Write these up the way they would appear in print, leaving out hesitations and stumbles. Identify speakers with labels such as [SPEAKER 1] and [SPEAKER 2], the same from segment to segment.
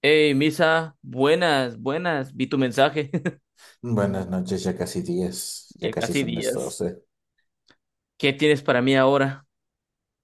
[SPEAKER 1] Hey, Misa, buenas, buenas, vi tu mensaje.
[SPEAKER 2] Buenas noches, ya casi 10, ya
[SPEAKER 1] Ya
[SPEAKER 2] casi
[SPEAKER 1] casi
[SPEAKER 2] son las
[SPEAKER 1] días.
[SPEAKER 2] 12.
[SPEAKER 1] ¿Qué tienes para mí ahora?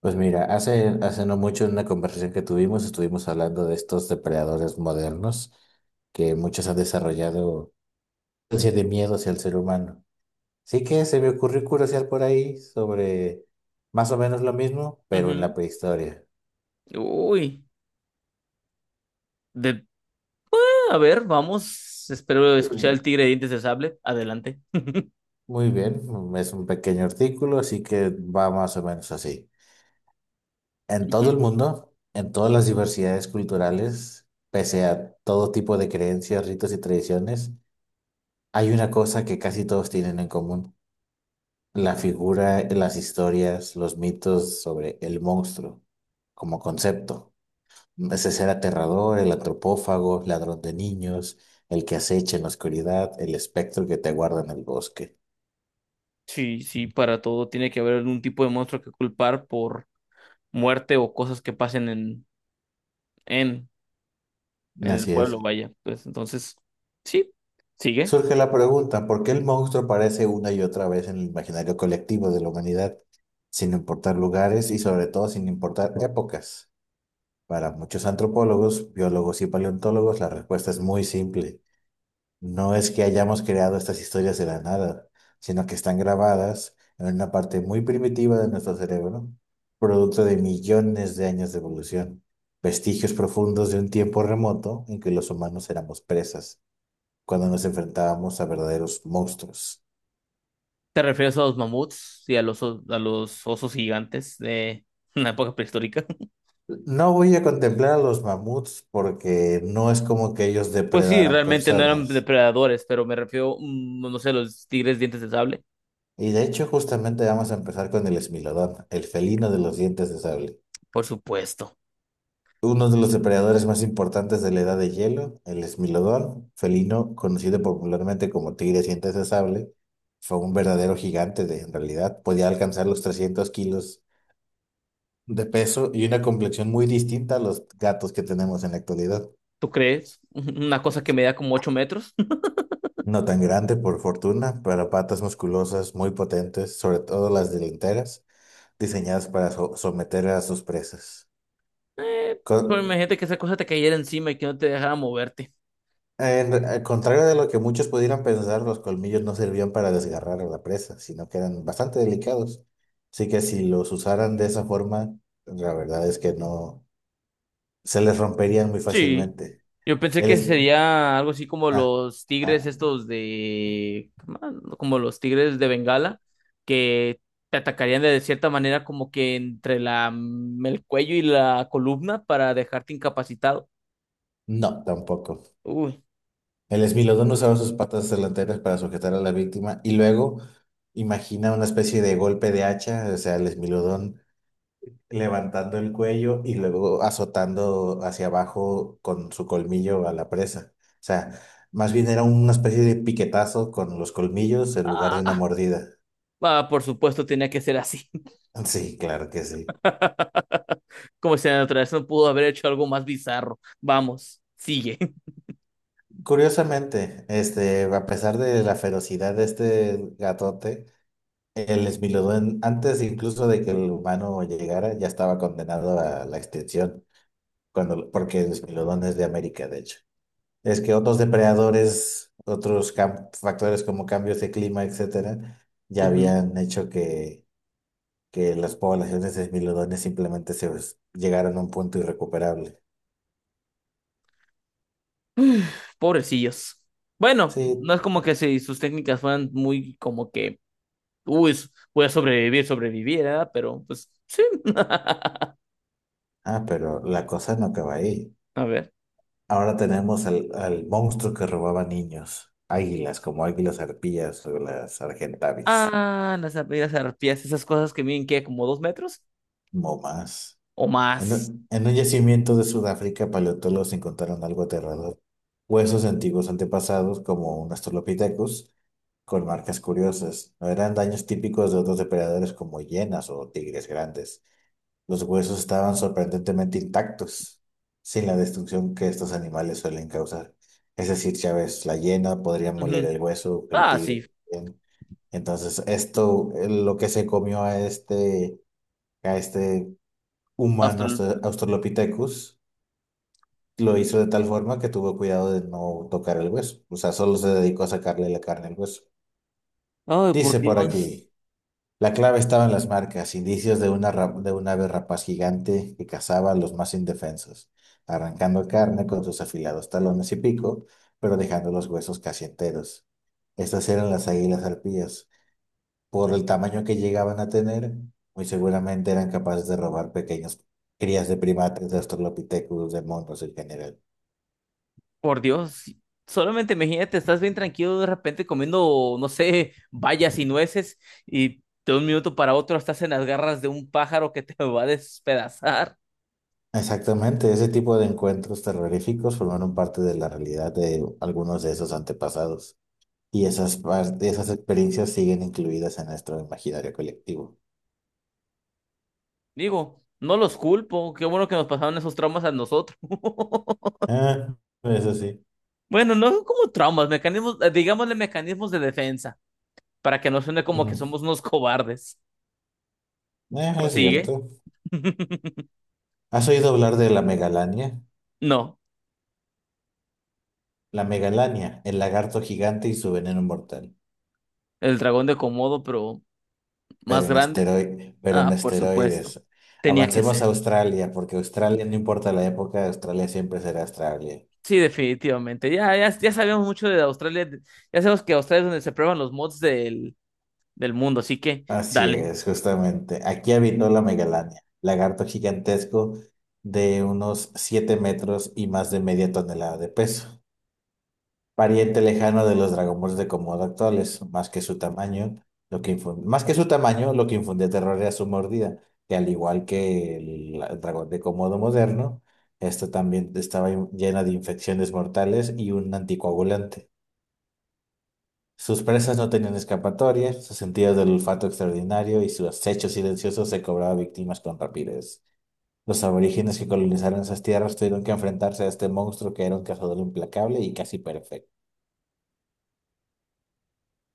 [SPEAKER 2] Pues mira, hace no mucho en una conversación que tuvimos estuvimos hablando de estos depredadores modernos que muchos han desarrollado ansia de miedo hacia el ser humano. Así que se me ocurrió curiosear por ahí sobre más o menos lo mismo, pero en la
[SPEAKER 1] Ujú.
[SPEAKER 2] prehistoria.
[SPEAKER 1] Uy, de... A ver, vamos. Espero
[SPEAKER 2] Muy
[SPEAKER 1] escuchar el
[SPEAKER 2] bien.
[SPEAKER 1] tigre de dientes de sable. Adelante.
[SPEAKER 2] Muy bien, es un pequeño artículo, así que va más o menos así. En todo
[SPEAKER 1] Ujú.
[SPEAKER 2] el mundo, en todas las diversidades culturales, pese a todo tipo de creencias, ritos y tradiciones, hay una cosa que casi todos tienen en común, la figura, las historias, los mitos sobre el monstruo como concepto. Ese ser aterrador, el antropófago, ladrón de niños, el que acecha en la oscuridad, el espectro que te guarda en el bosque.
[SPEAKER 1] Sí, sí, para todo tiene que haber un tipo de monstruo que culpar por muerte o cosas que pasen en, en el
[SPEAKER 2] Así
[SPEAKER 1] pueblo,
[SPEAKER 2] es.
[SPEAKER 1] vaya. Pues entonces, sí, sigue.
[SPEAKER 2] Surge la pregunta, ¿por qué el monstruo aparece una y otra vez en el imaginario colectivo de la humanidad, sin importar lugares y sobre todo sin importar épocas? Para muchos antropólogos, biólogos y paleontólogos, la respuesta es muy simple. No es que hayamos creado estas historias de la nada, sino que están grabadas en una parte muy primitiva de nuestro cerebro, producto de millones de años de evolución, vestigios profundos de un tiempo remoto en que los humanos éramos presas cuando nos enfrentábamos a verdaderos monstruos.
[SPEAKER 1] ¿Te refieres a los mamuts y a los, o- a los osos gigantes de una época prehistórica?
[SPEAKER 2] No voy a contemplar a los mamuts porque no es como que ellos
[SPEAKER 1] Pues sí,
[SPEAKER 2] depredaran
[SPEAKER 1] realmente no eran
[SPEAKER 2] personas.
[SPEAKER 1] depredadores, pero me refiero, no sé, los tigres dientes de sable.
[SPEAKER 2] Y de hecho, justamente vamos a empezar con el esmilodón, el felino de los dientes de sable.
[SPEAKER 1] Por supuesto.
[SPEAKER 2] Uno de los depredadores más importantes de la Edad de Hielo, el esmilodón, felino conocido popularmente como tigre de dientes de sable, fue un verdadero gigante de, en realidad. Podía alcanzar los 300 kilos de peso y una complexión muy distinta a los gatos que tenemos en la actualidad.
[SPEAKER 1] ¿Tú crees? Una cosa que medía como 8 metros.
[SPEAKER 2] No tan grande, por fortuna, pero patas musculosas muy potentes, sobre todo las delanteras, diseñadas para someter a sus presas.
[SPEAKER 1] Eh,
[SPEAKER 2] Con-
[SPEAKER 1] pero imagínate que esa cosa te cayera encima y que no te dejara moverte.
[SPEAKER 2] al contrario de lo que muchos pudieran pensar, los colmillos no servían para desgarrar a la presa, sino que eran bastante delicados. Así que si los usaran de esa forma, la verdad es que no se les romperían muy
[SPEAKER 1] Sí.
[SPEAKER 2] fácilmente.
[SPEAKER 1] Yo pensé
[SPEAKER 2] El
[SPEAKER 1] que
[SPEAKER 2] es-
[SPEAKER 1] sería algo así como
[SPEAKER 2] ah,
[SPEAKER 1] los
[SPEAKER 2] ah,
[SPEAKER 1] tigres estos de... como los tigres de Bengala, que te atacarían de cierta manera como que entre la, el cuello y la columna para dejarte incapacitado.
[SPEAKER 2] No, tampoco.
[SPEAKER 1] Uy,
[SPEAKER 2] El esmilodón usaba sus patas delanteras para sujetar a la víctima y luego imagina una especie de golpe de hacha, o sea, el esmilodón levantando el cuello y luego azotando hacia abajo con su colmillo a la presa. O sea, más bien era una especie de piquetazo con los colmillos en lugar de una mordida.
[SPEAKER 1] ah, por supuesto tenía que ser así.
[SPEAKER 2] Sí, claro que sí.
[SPEAKER 1] Como si la naturaleza no pudo haber hecho algo más bizarro. Vamos, sigue.
[SPEAKER 2] Curiosamente, este, a pesar de la ferocidad de este gatote, el Smilodón, antes incluso de que el humano llegara, ya estaba condenado a la extinción, cuando, porque el Smilodón es de América, de hecho. Es que otros depredadores, otros factores como cambios de clima, etcétera, ya
[SPEAKER 1] Ujú.
[SPEAKER 2] habían hecho que las poblaciones de Smilodones simplemente llegaran a un punto irrecuperable.
[SPEAKER 1] Pobrecillos. Bueno, no
[SPEAKER 2] Sí,
[SPEAKER 1] es como que si sus técnicas fueran muy como que, uy, s- voy a sobrevivir, sobreviviera, pero pues sí.
[SPEAKER 2] ah, pero la cosa no acaba ahí.
[SPEAKER 1] A ver.
[SPEAKER 2] Ahora tenemos al monstruo que robaba niños, águilas, como águilas arpías o las argentavis.
[SPEAKER 1] Ah, las ar- las arpías, esas cosas que miden que como 2 metros
[SPEAKER 2] No más.
[SPEAKER 1] o
[SPEAKER 2] En
[SPEAKER 1] más.
[SPEAKER 2] un, en un yacimiento de Sudáfrica, paleontólogos encontraron algo aterrador. Huesos de antiguos antepasados, como un Australopithecus, con marcas curiosas. No eran daños típicos de otros depredadores como hienas o tigres grandes. Los huesos estaban sorprendentemente intactos, sin la destrucción que estos animales suelen causar. Es decir, ya ves, la hiena podría moler
[SPEAKER 1] Ujú.
[SPEAKER 2] el hueso, el
[SPEAKER 1] Ah, sí.
[SPEAKER 2] tigre también. Entonces, esto, lo que se comió a este humano
[SPEAKER 1] Austral-
[SPEAKER 2] Australopithecus lo hizo de tal forma que tuvo cuidado de no tocar el hueso. O sea, solo se dedicó a sacarle la carne al hueso.
[SPEAKER 1] Ay, por
[SPEAKER 2] Dice por
[SPEAKER 1] Dios.
[SPEAKER 2] aquí, la clave estaba en las marcas, indicios de una, de un ave rapaz gigante que cazaba a los más indefensos, arrancando carne con sus afilados talones y pico, pero dejando los huesos casi enteros. Estas eran las águilas arpías. Por el tamaño que llegaban a tener, muy seguramente eran capaces de robar pequeñas crías de primates, de australopithecus, de monos en general.
[SPEAKER 1] Por Dios, solamente imagínate, estás bien tranquilo de repente comiendo, no sé, bayas y nueces y de un minuto para otro estás en las garras de un pájaro que te va a despedazar.
[SPEAKER 2] Exactamente, ese tipo de encuentros terroríficos formaron parte de la realidad de algunos de esos antepasados. Y esas, esas experiencias siguen incluidas en nuestro imaginario colectivo.
[SPEAKER 1] Digo, no los culpo, qué bueno que nos pasaron esos traumas a nosotros.
[SPEAKER 2] Ah, eso sí.
[SPEAKER 1] Bueno, no son como traumas, mecanismos, digámosle mecanismos de defensa, para que no suene como que
[SPEAKER 2] Mm,
[SPEAKER 1] somos unos cobardes. ¿Pero
[SPEAKER 2] es
[SPEAKER 1] sigue?
[SPEAKER 2] cierto. ¿Has oído hablar de la megalania?
[SPEAKER 1] No,
[SPEAKER 2] La megalania, el lagarto gigante y su veneno mortal.
[SPEAKER 1] el dragón de Komodo, pero
[SPEAKER 2] Pero
[SPEAKER 1] más
[SPEAKER 2] en
[SPEAKER 1] grande.
[SPEAKER 2] esteroides, pero en
[SPEAKER 1] Ah, por
[SPEAKER 2] esteroides.
[SPEAKER 1] supuesto, tenía que
[SPEAKER 2] Avancemos a
[SPEAKER 1] ser.
[SPEAKER 2] Australia, porque Australia, no importa la época, Australia siempre será Australia.
[SPEAKER 1] Sí, definitivamente. Ya sabemos mucho de Australia. Ya sabemos que Australia es donde se prueban los mods del mundo, así que
[SPEAKER 2] Así
[SPEAKER 1] dale.
[SPEAKER 2] es, justamente. Aquí habitó la megalania, lagarto gigantesco de unos 7 metros y más de media tonelada de peso, pariente lejano de los dragones de Komodo actuales. Más que su tamaño, lo que más que su tamaño, lo que infundía terror era su mordida, que al igual que el dragón de Komodo moderno, esto también estaba llena de infecciones mortales y un anticoagulante. Sus presas no tenían escapatoria, su sentido del olfato extraordinario y su acecho silencioso se cobraba víctimas con rapidez. Los aborígenes que colonizaron esas tierras tuvieron que enfrentarse a este monstruo que era un cazador implacable y casi perfecto.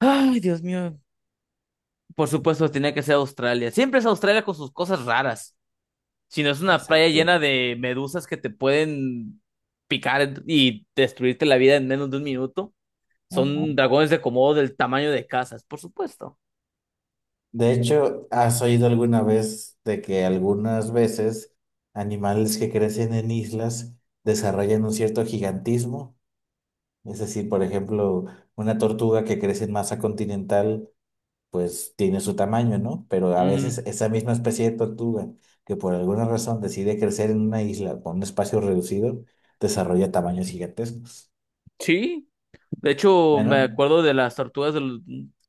[SPEAKER 1] Ay, Dios mío. Por supuesto, tenía que ser Australia. Siempre es Australia con sus cosas raras. Si no es una playa
[SPEAKER 2] Exacto.
[SPEAKER 1] llena de medusas que te pueden picar y destruirte la vida en menos de un minuto. Son
[SPEAKER 2] Ajá.
[SPEAKER 1] dragones de Komodo del tamaño de casas, por supuesto.
[SPEAKER 2] De hecho, ¿has oído alguna vez de que algunas veces animales que crecen en islas desarrollan un cierto gigantismo? Es decir, por ejemplo, una tortuga que crece en masa continental, pues tiene su tamaño, ¿no? Pero a
[SPEAKER 1] Ujú.
[SPEAKER 2] veces esa misma especie de tortuga que por alguna razón decide crecer en una isla con un espacio reducido, desarrolla tamaños gigantescos.
[SPEAKER 1] Sí. De hecho, me
[SPEAKER 2] Bueno,
[SPEAKER 1] acuerdo de las tortugas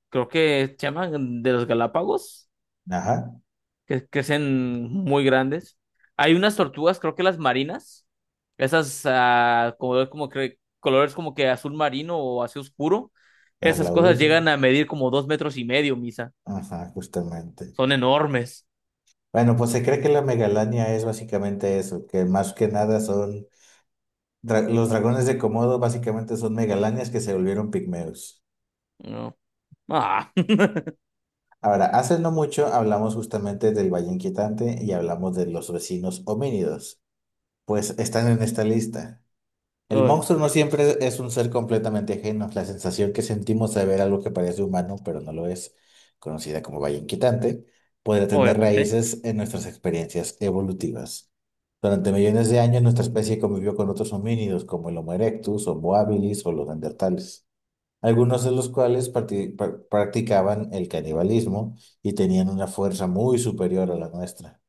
[SPEAKER 1] creo que se llaman de los Galápagos,
[SPEAKER 2] ajá,
[SPEAKER 1] que crecen muy grandes. Hay unas tortugas, creo que las marinas, esas como, colores como que azul marino o así oscuro,
[SPEAKER 2] la
[SPEAKER 1] esas cosas
[SPEAKER 2] laúd,
[SPEAKER 1] llegan a medir como 2,5 metros, Misa.
[SPEAKER 2] ajá, justamente.
[SPEAKER 1] Son enormes.
[SPEAKER 2] Bueno, pues se cree que la megalania es básicamente eso, que más que nada son los dragones de Komodo básicamente son megalanias que se volvieron pigmeos.
[SPEAKER 1] No. Ah.
[SPEAKER 2] Ahora, hace no mucho hablamos justamente del Valle Inquietante y hablamos de los vecinos homínidos, pues están en esta lista. El
[SPEAKER 1] Ob-
[SPEAKER 2] monstruo no siempre es un ser completamente ajeno. La sensación que sentimos de ver algo que parece humano, pero no lo es, conocida como valla inquietante, podría tener
[SPEAKER 1] Obviamente.
[SPEAKER 2] raíces en nuestras experiencias evolutivas. Durante millones de años, nuestra especie convivió con otros homínidos como el Homo erectus, Homo habilis o los neandertales, algunos de los cuales practicaban el canibalismo y tenían una fuerza muy superior a la nuestra.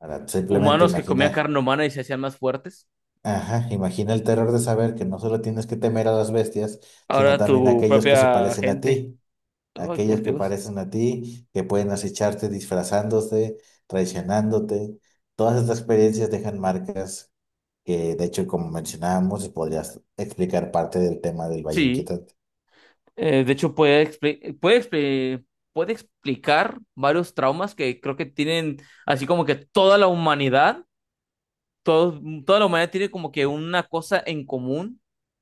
[SPEAKER 2] Ahora, simplemente
[SPEAKER 1] Humanos que comían
[SPEAKER 2] imagina.
[SPEAKER 1] carne humana y se hacían más fuertes.
[SPEAKER 2] Ajá, imagina el terror de saber que no solo tienes que temer a las bestias, sino
[SPEAKER 1] Ahora
[SPEAKER 2] también a
[SPEAKER 1] tu
[SPEAKER 2] aquellos que se
[SPEAKER 1] propia
[SPEAKER 2] parecen a
[SPEAKER 1] gente.
[SPEAKER 2] ti,
[SPEAKER 1] Ay,
[SPEAKER 2] aquellos
[SPEAKER 1] por
[SPEAKER 2] que
[SPEAKER 1] Dios.
[SPEAKER 2] parecen a ti, que pueden acecharte disfrazándose, traicionándote. Todas estas experiencias dejan marcas que, de hecho, como mencionábamos, podrías explicar parte del tema del Valle
[SPEAKER 1] Sí.
[SPEAKER 2] Inquietante.
[SPEAKER 1] De hecho, puede explicar varios traumas que creo que tienen, así como que toda la humanidad, toda la humanidad tiene como que una cosa en común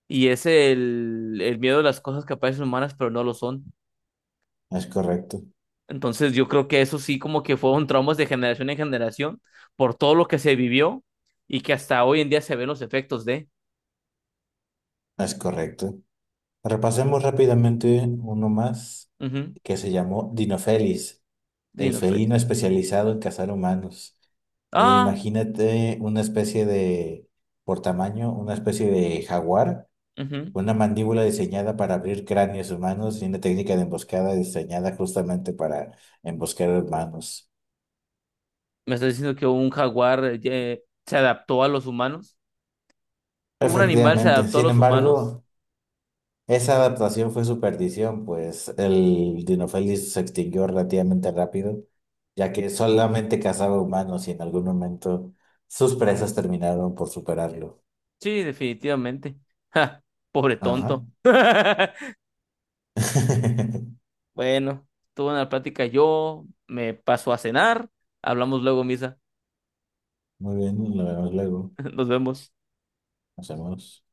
[SPEAKER 1] y es el miedo a las cosas que parecen humanas, pero no lo son.
[SPEAKER 2] Es correcto,
[SPEAKER 1] Entonces, yo creo que eso sí como que fueron traumas de generación en generación por todo lo que se vivió y que hasta hoy en día se ven los efectos de...
[SPEAKER 2] es correcto. Repasemos rápidamente uno más
[SPEAKER 1] Ujú.
[SPEAKER 2] que se llamó Dinofelis. El
[SPEAKER 1] Dino Fett.
[SPEAKER 2] felino especializado en cazar humanos.
[SPEAKER 1] Ah,
[SPEAKER 2] Imagínate una especie de, por tamaño, una especie de jaguar,
[SPEAKER 1] ujú.
[SPEAKER 2] con una mandíbula diseñada para abrir cráneos humanos y una técnica de emboscada diseñada justamente para emboscar humanos.
[SPEAKER 1] Me estás diciendo que un jaguar se adaptó a los humanos. Un animal se
[SPEAKER 2] Efectivamente,
[SPEAKER 1] adaptó a
[SPEAKER 2] sin
[SPEAKER 1] los humanos.
[SPEAKER 2] embargo, esa adaptación fue su perdición, pues el Dinofelis se extinguió relativamente rápido, ya que solamente cazaba humanos y en algún momento sus presas terminaron por superarlo.
[SPEAKER 1] Sí, definitivamente. Ja, pobre
[SPEAKER 2] Ajá.
[SPEAKER 1] tonto. Bueno, tuve una plática yo, me paso a cenar, hablamos luego, Misa.
[SPEAKER 2] Muy bien, lo vemos luego.
[SPEAKER 1] Nos vemos.
[SPEAKER 2] Nos vemos.